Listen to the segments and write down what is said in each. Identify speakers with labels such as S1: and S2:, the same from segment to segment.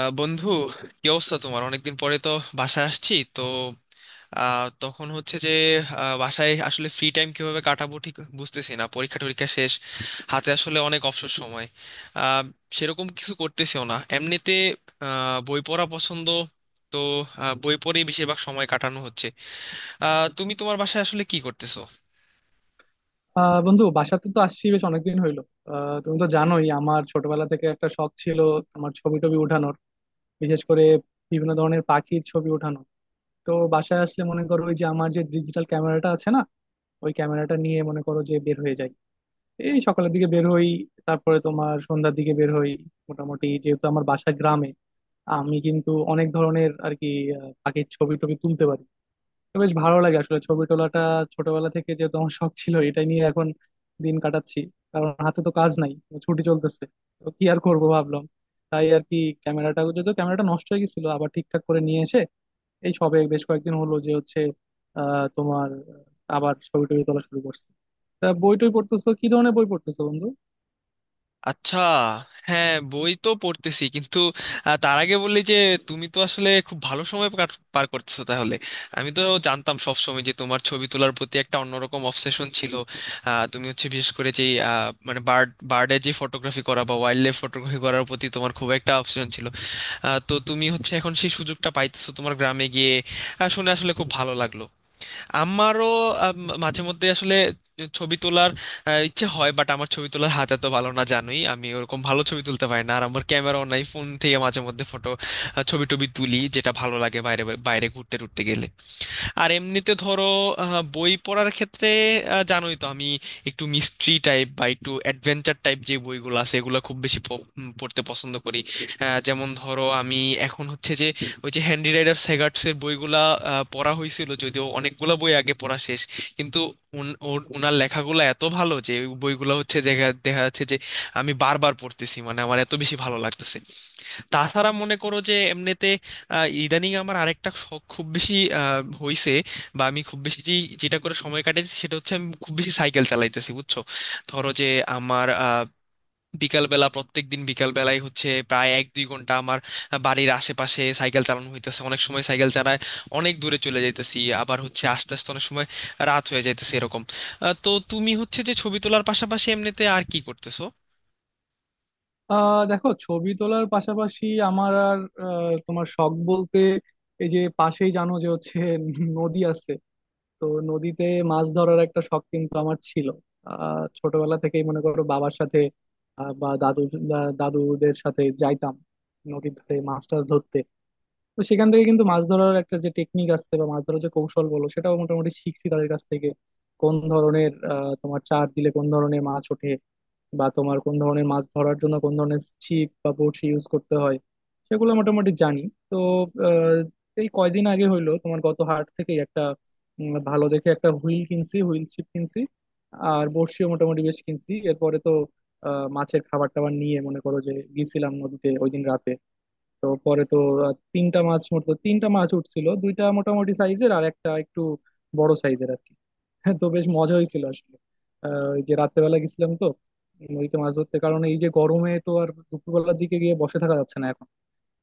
S1: বন্ধু, কি অবস্থা তোমার? অনেকদিন পরে তো বাসায় আসছি তো। তখন হচ্ছে যে বাসায় আসলে ফ্রি টাইম কিভাবে কাটাবো ঠিক বুঝতেছি না। পরীক্ষা টরীক্ষা শেষ, হাতে আসলে অনেক অবসর সময়। আহ, সেরকম কিছু করতেছিও না এমনিতে। বই পড়া পছন্দ, তো বই পড়েই বেশিরভাগ সময় কাটানো হচ্ছে। তুমি তোমার বাসায় আসলে কি করতেছো?
S2: বন্ধু, বাসাতে তো আসছি বেশ অনেকদিন হইলো। তুমি তো জানোই আমার ছোটবেলা থেকে একটা শখ ছিল, আমার ছবি টবি উঠানোর, বিশেষ করে বিভিন্ন ধরনের পাখির ছবি ওঠানো। তো বাসায় আসলে মনে করো, ওই যে আমার যে ডিজিটাল ক্যামেরাটা আছে না, ওই ক্যামেরাটা নিয়ে মনে করো যে বের হয়ে যাই। এই সকালের দিকে বের হই, তারপরে তোমার সন্ধ্যার দিকে বের হই। মোটামুটি যেহেতু আমার বাসা গ্রামে, আমি কিন্তু অনেক ধরনের আর কি পাখির ছবি টবি তুলতে পারি। বেশ ভালো লাগে আসলে ছবি তোলাটা। ছোটবেলা থেকে যেহেতু আমার শখ ছিল এটা নিয়ে, এখন দিন কাটাচ্ছি। কারণ হাতে তো কাজ নাই, তো ছুটি চলতেছে। তো কি আর করবো ভাবলাম, তাই আর কি। ক্যামেরাটা, যদিও ক্যামেরাটা নষ্ট হয়ে গেছিল, আবার ঠিকঠাক করে নিয়ে এসে এই সবে বেশ কয়েকদিন হলো যে হচ্ছে আহ তোমার আবার ছবি টবি তোলা শুরু করছি। তা বই টই পড়তেছো, কি ধরনের বই পড়তেছো বন্ধু?
S1: আচ্ছা। হ্যাঁ, বই তো পড়তেছি, কিন্তু তার আগে বললি যে তুমি তো আসলে খুব ভালো সময় পার করতেছো তাহলে। আমি তো জানতাম সব সময় যে তোমার ছবি তোলার প্রতি একটা অন্যরকম অবসেশন ছিল। তুমি হচ্ছে বিশেষ করে যে মানে বার্ডের যে ফটোগ্রাফি করা বা ওয়াইল্ড লাইফ ফটোগ্রাফি করার প্রতি তোমার খুব একটা অবসেশন ছিল। তো তুমি হচ্ছে এখন সেই সুযোগটা পাইতেছো তোমার গ্রামে গিয়ে। শুনে আসলে খুব ভালো লাগলো। আমারও আম, মাঝে মধ্যে আসলে ছবি তোলার ইচ্ছে হয়, বাট আমার ছবি তোলার হাত এত ভালো না, জানোই আমি ওরকম ভালো ছবি তুলতে পারি না, আর আমার ক্যামেরাও নাই। ফোন থেকে মাঝে মধ্যে ফটো ছবি টবি তুলি, যেটা ভালো লাগে বাইরে, বাইরে ঘুরতে টুরতে গেলে। আর এমনিতে ধরো বই পড়ার ক্ষেত্রে জানোই তো আমি একটু মিস্ট্রি টাইপ বা একটু অ্যাডভেঞ্চার টাইপ যে বইগুলো আছে এগুলো খুব বেশি পড়তে পছন্দ করি। যেমন ধরো আমি এখন হচ্ছে যে ওই যে হ্যান্ডি রাইডার সেগার্টসের বইগুলা পড়া হয়েছিল, যদিও অনেকগুলা বই আগে পড়া শেষ, কিন্তু ওনার লেখাগুলো এত ভালো যে ওই বইগুলো হচ্ছে দেখা দেখা যাচ্ছে যে আমি বারবার পড়তেছি, মানে আমার এত বেশি ভালো লাগতেছে। তাছাড়া মনে করো যে এমনিতে ইদানিং আমার আরেকটা শখ খুব বেশি হইছে, বা আমি খুব বেশি যেটা করে সময় কাটাচ্ছি সেটা হচ্ছে আমি খুব বেশি সাইকেল চালাইতেছি, বুঝছো। ধরো যে আমার বিকালবেলা প্রত্যেক দিন বিকালবেলায় হচ্ছে প্রায় 1-2 ঘন্টা আমার বাড়ির আশেপাশে সাইকেল চালানো হইতেছে। অনেক সময় সাইকেল চালায় অনেক দূরে চলে যাইতেছি, আবার হচ্ছে আস্তে আস্তে অনেক সময় রাত হয়ে যাইতেছে এরকম। তো তুমি হচ্ছে যে ছবি তোলার পাশাপাশি এমনিতে আর কি করতেছো?
S2: দেখো, ছবি তোলার পাশাপাশি আমার আর তোমার শখ বলতে, এই যে পাশেই জানো যে হচ্ছে নদী আছে। তো নদীতে মাছ ধরার একটা শখ কিন্তু আমার ছিল। ছোটবেলা থেকেই মনে করো বাবার সাথে, বা দাদু দাদুদের সাথে যাইতাম নদীর ধারে মাছ টাছ ধরতে। তো সেখান থেকে কিন্তু মাছ ধরার একটা যে টেকনিক আছে বা মাছ ধরার যে কৌশল বলো, সেটাও মোটামুটি শিখছি তাদের কাছ থেকে। কোন ধরনের তোমার চার দিলে কোন ধরনের মাছ ওঠে, বা তোমার কোন ধরনের মাছ ধরার জন্য কোন ধরনের ছিপ বা বড়শি ইউজ করতে হয়, সেগুলো মোটামুটি জানি। তো এই কয়দিন আগে হইলো তোমার গত হাট থেকে একটা ভালো দেখে একটা হুইল কিনছি, হুইল ছিপ কিনছি। আর বড়শিও মোটামুটি বেশ কিনছি। এরপরে তো মাছের খাবার টাবার নিয়ে মনে করো যে গেছিলাম নদীতে ওই দিন রাতে। তো পরে তো তিনটা মাছ উঠছিল, দুইটা মোটামুটি সাইজের আর একটা একটু বড় সাইজের আর কি। হ্যাঁ, তো বেশ মজা হয়েছিল আসলে। ওই যে রাত্রেবেলা গেছিলাম তো নদীতে মাছ ধরতে, কারণ এই যে গরমে তো আর দুপুরবেলার দিকে গিয়ে বসে থাকা যাচ্ছে না এখন।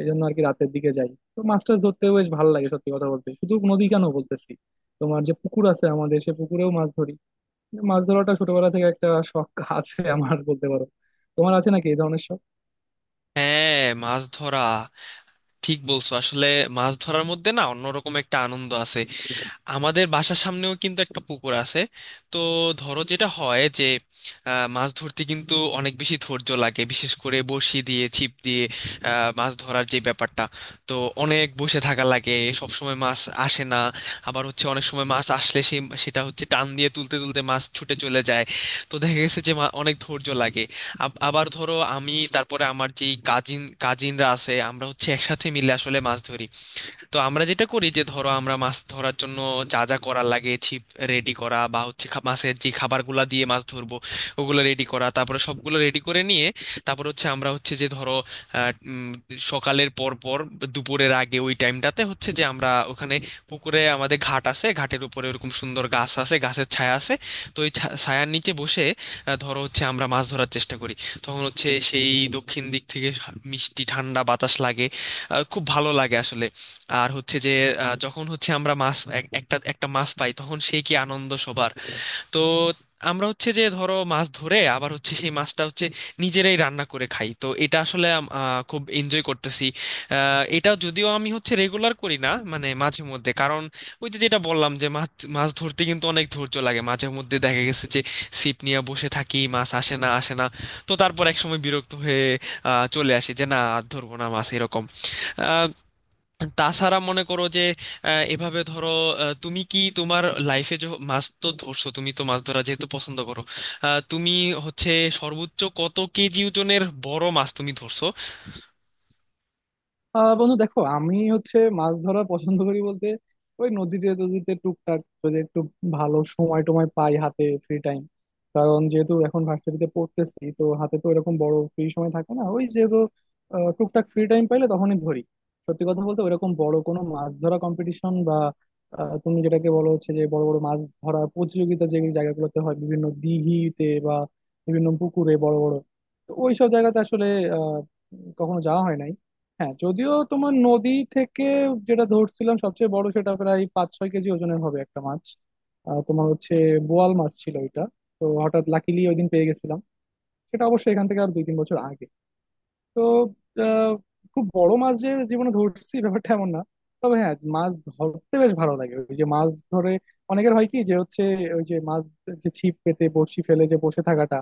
S2: এই জন্য আর কি রাতের দিকে যাই, তো মাছ টাছ ধরতেও বেশ ভালো লাগে। সত্যি কথা বলতে শুধু নদী কেন বলতেছি, তোমার যে পুকুর আছে আমাদের, সে পুকুরেও মাছ ধরি। মাছ ধরাটা ছোটবেলা থেকে একটা শখ আছে আমার, বলতে পারো। তোমার আছে নাকি এই ধরনের শখ?
S1: হ্যাঁ, মাছ ধরা ঠিক বলছো আসলে। মাছ ধরার মধ্যে না অন্যরকম একটা আনন্দ আছে। আমাদের বাসার সামনেও কিন্তু একটা পুকুর আছে। তো ধরো যেটা হয় যে মাছ ধরতে কিন্তু অনেক বেশি ধৈর্য লাগে, বিশেষ করে বড়শি দিয়ে ছিপ দিয়ে মাছ ধরার যে ব্যাপারটা। তো অনেক বসে থাকা লাগে, সব সময় মাছ আসে না। আবার হচ্ছে অনেক সময় মাছ আসলে সেটা হচ্ছে টান দিয়ে তুলতে তুলতে মাছ ছুটে চলে যায়। তো দেখা গেছে যে অনেক ধৈর্য লাগে। আবার ধরো আমি, তারপরে আমার যেই কাজিনরা আছে আমরা হচ্ছে একসাথে মিলে আসলে মাছ ধরি। তো আমরা যেটা করি যে ধরো আমরা মাছ ধরার জন্য যা যা করার লাগে ছিপ রেডি করা বা হচ্ছে মাছের যে খাবারগুলা দিয়ে মাছ ধরবো ওগুলো রেডি করা, তারপরে সবগুলো রেডি করে নিয়ে তারপর হচ্ছে আমরা হচ্ছে যে ধরো আহ, উম, সকালের পর পর দুপুরের আগে ওই টাইমটাতে হচ্ছে যে আমরা ওখানে পুকুরে আমাদের ঘাট আছে, ঘাটের উপরে ওরকম সুন্দর গাছ আছে, গাছের ছায়া আছে। তো ওই ছায়ার নিচে বসে ধরো হচ্ছে আমরা মাছ ধরার চেষ্টা করি। তখন হচ্ছে সেই দক্ষিণ দিক থেকে মিষ্টি ঠান্ডা বাতাস লাগে, খুব ভালো লাগে আসলে। আর হচ্ছে যে যখন হচ্ছে আমরা মাছ এক- একটা একটা মাছ পাই তখন সেই কি আনন্দ সবার। তো আমরা হচ্ছে যে ধরো মাছ ধরে আবার হচ্ছে সেই মাছটা হচ্ছে নিজেরাই রান্না করে খাই, তো এটা আসলে খুব এনজয় করতেছি। এটা যদিও আমি হচ্ছে রেগুলার করি না, মানে মাঝে মধ্যে, কারণ ওই যে যেটা বললাম যে মাছ মাছ ধরতে কিন্তু অনেক ধৈর্য লাগে। মাঝে মধ্যে দেখা গেছে যে ছিপ নিয়ে বসে থাকি, মাছ আসে না আসে না। তো তারপর এক সময় বিরক্ত হয়ে চলে আসি যে না আর ধরবো না মাছ এরকম। তাছাড়া মনে করো যে এভাবে ধরো তুমি কি তোমার লাইফে যে মাছ তো ধরছো, তুমি তো মাছ ধরা যেহেতু পছন্দ করো, তুমি হচ্ছে সর্বোচ্চ কত কেজি ওজনের বড় মাছ তুমি ধরছো?
S2: বন্ধু, দেখো আমি হচ্ছে মাছ ধরা পছন্দ করি বলতে ওই নদীতে টদীতে টুকটাক, যদি একটু ভালো সময় টময় পাই হাতে ফ্রি টাইম। কারণ যেহেতু এখন ভার্সিটিতে পড়তেছি তো হাতে তো এরকম বড় ফ্রি সময় থাকে না। ওই যেহেতু টুকটাক ফ্রি টাইম পাইলে তখনই ধরি। সত্যি কথা বলতে ওইরকম বড় কোনো মাছ ধরা কম্পিটিশন, বা তুমি যেটাকে বলো হচ্ছে যে বড় বড় মাছ ধরা প্রতিযোগিতা, যে জায়গাগুলোতে হয় বিভিন্ন দিঘিতে বা বিভিন্ন পুকুরে বড় বড়, তো ওইসব জায়গাতে আসলে আহ, কখনো যাওয়া হয় নাই। হ্যাঁ, যদিও তোমার নদী থেকে যেটা ধরছিলাম সবচেয়ে বড়, সেটা প্রায় 5-6 কেজি ওজনের হবে একটা মাছ। তোমার হচ্ছে বোয়াল মাছ ছিল ওইটা। তো হঠাৎ লাকিলি ওই দিন পেয়ে গেছিলাম। সেটা অবশ্যই এখান থেকে আর 2-3 বছর আগে। তো আহ, খুব বড় মাছ যে জীবনে ধরছি ব্যাপারটা এমন না। তবে হ্যাঁ, মাছ ধরতে বেশ ভালো লাগে। ওই যে মাছ ধরে অনেকের হয় কি যে হচ্ছে ওই যে মাছ, যে ছিপ পেতে বড়শি ফেলে যে বসে থাকাটা,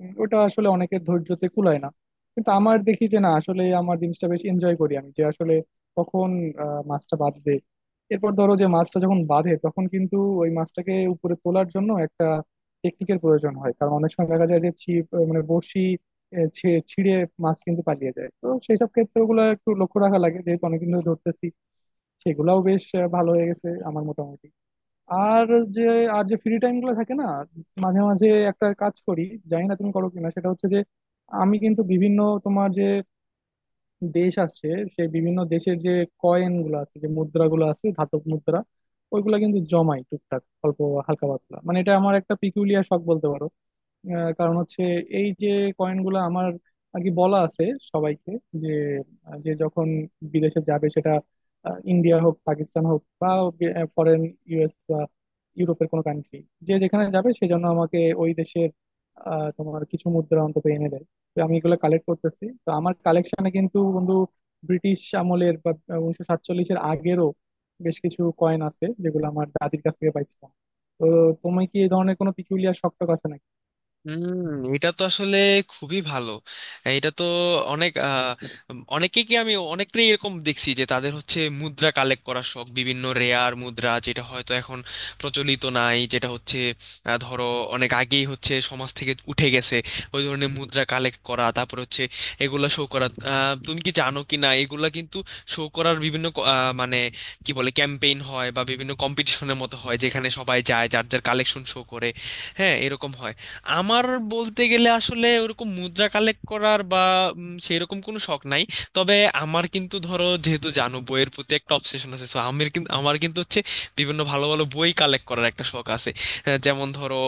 S2: ওটা আসলে অনেকের ধৈর্যতে কুলায় না। কিন্তু আমার দেখি যে না, আসলে আমার জিনিসটা বেশ এনজয় করি আমি, যে আসলে কখন মাছটা বাঁধবে। এরপর ধরো যে মাছটা যখন বাঁধে তখন কিন্তু ওই মাছটাকে উপরে তোলার জন্য একটা টেকনিকের প্রয়োজন হয়, কারণ অনেক সময় দেখা যায় যে ছিপ মানে বড়শি ছিঁড়ে মাছ কিন্তু পালিয়ে যায়। তো সেই সব ক্ষেত্রে ওগুলো একটু লক্ষ্য রাখা লাগে, যেহেতু অনেকদিন ধরে ধরতেছি সেগুলাও বেশ ভালো হয়ে গেছে আমার মোটামুটি। আর যে ফ্রি টাইম গুলো থাকে না, মাঝে মাঝে একটা কাজ করি। জানি না তুমি করো কিনা, সেটা হচ্ছে যে আমি কিন্তু বিভিন্ন তোমার যে দেশ আছে সেই বিভিন্ন দেশের যে কয়েন গুলো আছে, যে মুদ্রা গুলো আছে ধাতব মুদ্রা, ওইগুলা কিন্তু জমাই টুকটাক, অল্প হালকা পাতলা। মানে এটা আমার একটা পিকুলিয়ার শখ বলতে পারো। কারণ হচ্ছে এই যে কয়েনগুলো আমার, আর কি বলা আছে সবাইকে যে যে যখন বিদেশে যাবে সেটা ইন্ডিয়া হোক পাকিস্তান হোক, বা ফরেন ইউএস বা ইউরোপের কোনো কান্ট্রি, যে যেখানে যাবে সেজন্য আমাকে ওই দেশের তোমার কিছু মুদ্রা অন্তত এনে দেয়। তো আমি এগুলো কালেক্ট করতেছি। তো আমার কালেকশনে কিন্তু বন্ধু ব্রিটিশ আমলের বা 1947-এর আগেরও বেশ কিছু কয়েন আছে, যেগুলো আমার দাদির কাছ থেকে পাইছিলাম। তো তুমি কি এই ধরনের কোনো পিকুলিয়ার শখ টখ আছে?
S1: হুম। এটা তো আসলে খুবই ভালো। এটা তো অনেক আহ, অনেকেই কি আমি অনেকেই এরকম দেখছি যে তাদের হচ্ছে মুদ্রা কালেক্ট করার শখ, বিভিন্ন রেয়ার মুদ্রা যেটা হয়তো এখন প্রচলিত নাই, যেটা হচ্ছে ধরো অনেক আগেই হচ্ছে সমাজ থেকে উঠে গেছে, ওই ধরনের মুদ্রা কালেক্ট করা, তারপর হচ্ছে এগুলা শো করা। তুমি কি জানো কি না এগুলা কিন্তু শো করার বিভিন্ন মানে কি বলে ক্যাম্পেইন হয় বা বিভিন্ন কম্পিটিশনের মতো হয় যেখানে সবাই যায় যার যার কালেকশন শো করে। হ্যাঁ, এরকম হয়। আমার বলতে গেলে আসলে ওরকম মুদ্রা কালেক্ট করার বা সেই রকম কোনো শখ নাই। তবে আমার কিন্তু ধরো যেহেতু জানো বইয়ের প্রতি একটা অবসেশন আছে সো আমার কিন্তু হচ্ছে বিভিন্ন ভালো ভালো বই কালেক্ট করার একটা শখ আছে। যেমন ধরো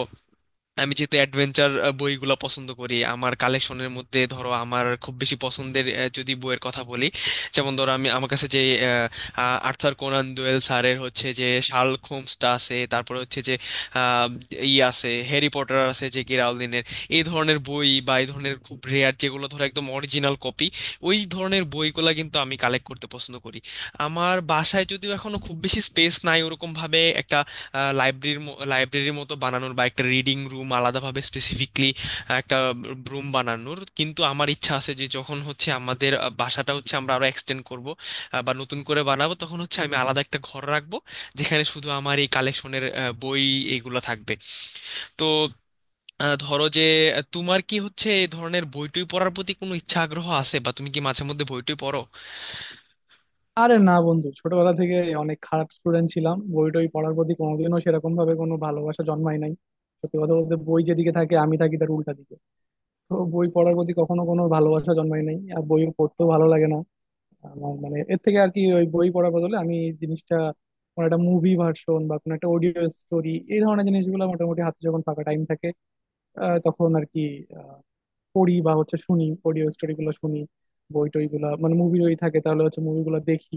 S1: আমি যেহেতু অ্যাডভেঞ্চার বইগুলো পছন্দ করি আমার কালেকশনের মধ্যে ধরো আমার খুব বেশি পছন্দের যদি বইয়ের কথা বলি, যেমন ধরো আমি, আমার কাছে যে আহ, আহ, আর্থার কোনান ডয়েল স্যারের হচ্ছে যে শার্লক হোমসটা আছে, তারপরে হচ্ছে যে আহ, ই আছে, হ্যারি পটার আছে যে কে রাউলিনের। এই ধরনের বই বা এই ধরনের খুব রেয়ার যেগুলো ধরো একদম অরিজিনাল কপি, ওই ধরনের বইগুলো কিন্তু আমি কালেক্ট করতে পছন্দ করি। আমার বাসায় যদিও এখনো খুব বেশি স্পেস নাই ওরকম ভাবে একটা লাইব্রেরির লাইব্রেরির মতো বানানোর বা একটা রিডিং রুম আলাদাভাবে স্পেসিফিকলি একটা রুম বানানোর কিন্তু আমার ইচ্ছা আছে। যে যখন হচ্ছে আমাদের বাসাটা হচ্ছে আমরা আরো এক্সটেন্ড করব বা নতুন করে বানাবো তখন হচ্ছে আমি আলাদা একটা ঘর রাখবো যেখানে শুধু আমার এই কালেকশনের বই এইগুলো থাকবে। তো ধরো যে তোমার কি হচ্ছে এই ধরনের বইটই পড়ার প্রতি কোনো ইচ্ছা আগ্রহ আছে, বা তুমি কি মাঝে মধ্যে বইটই পড়ো?
S2: আরে না বন্ধু, ছোটবেলা থেকে অনেক খারাপ স্টুডেন্ট ছিলাম, বই টই পড়ার প্রতি কোনোদিনও সেরকম ভাবে কোনো ভালোবাসা জন্মায় নাই। সত্যি কথা বলতে বই যেদিকে থাকে আমি থাকি তার উল্টা দিকে। তো বই পড়ার প্রতি কখনো কোনো ভালোবাসা জন্মায় নাই, আর বই পড়তেও ভালো লাগে না আমার। মানে এর থেকে আর কি, ওই বই পড়ার বদলে আমি এই জিনিসটা কোনো একটা মুভি ভার্সন বা কোনো একটা অডিও স্টোরি, এই ধরনের জিনিসগুলো মোটামুটি হাতে যখন ফাঁকা টাইম থাকে তখন আর কি আহ, পড়ি বা হচ্ছে শুনি, অডিও স্টোরি গুলো শুনি। বই টই গুলা মানে মুভি যদি থাকে তাহলে হচ্ছে মুভিগুলো দেখি।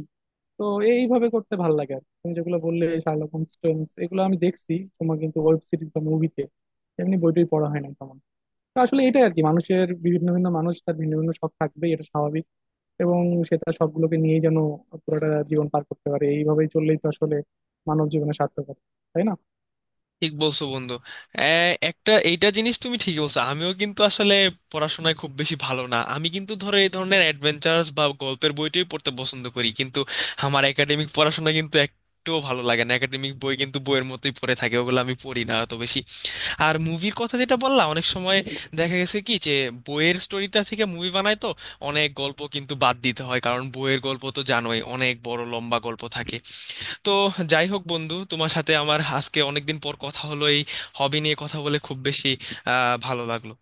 S2: তো এইভাবে করতে ভালো লাগে আর কি। তুমি যেগুলো বললে শার্লক হোমস টোমস এগুলো আমি দেখছি তোমার কিন্তু ওয়েব সিরিজ বা মুভিতে, এমনি বইটই পড়া হয় না তেমন। তো আসলে এটাই আর কি, মানুষের বিভিন্ন ভিন্ন, মানুষ তার ভিন্ন ভিন্ন শখ থাকবেই, এটা স্বাভাবিক। এবং সে তার শখগুলোকে নিয়েই যেন পুরোটা জীবন পার করতে পারে, এইভাবেই চললেই তো আসলে মানব জীবনের সার্থকতা। তাই না?
S1: ঠিক বলছো বন্ধু। একটা এইটা জিনিস তুমি ঠিকই বলছো, আমিও কিন্তু আসলে পড়াশোনায় খুব বেশি ভালো না। আমি কিন্তু ধরো এই ধরনের অ্যাডভেঞ্চারস বা গল্পের বইটাই পড়তে পছন্দ করি, কিন্তু আমার একাডেমিক পড়াশোনা কিন্তু একটুও ভালো লাগে না। একাডেমিক বই কিন্তু বইয়ের মতোই পড়ে থাকে, ওগুলো আমি পড়ি না অত বেশি। আর মুভির কথা যেটা বললাম অনেক সময় দেখা গেছে কি যে বইয়ের স্টোরিটা থেকে মুভি বানায়, তো অনেক গল্প কিন্তু বাদ দিতে হয় কারণ বইয়ের গল্প তো জানোই অনেক বড় লম্বা গল্প থাকে। তো যাই হোক বন্ধু, তোমার সাথে আমার আজকে অনেকদিন পর কথা হলো। এই হবি নিয়ে কথা বলে খুব বেশি ভালো লাগলো।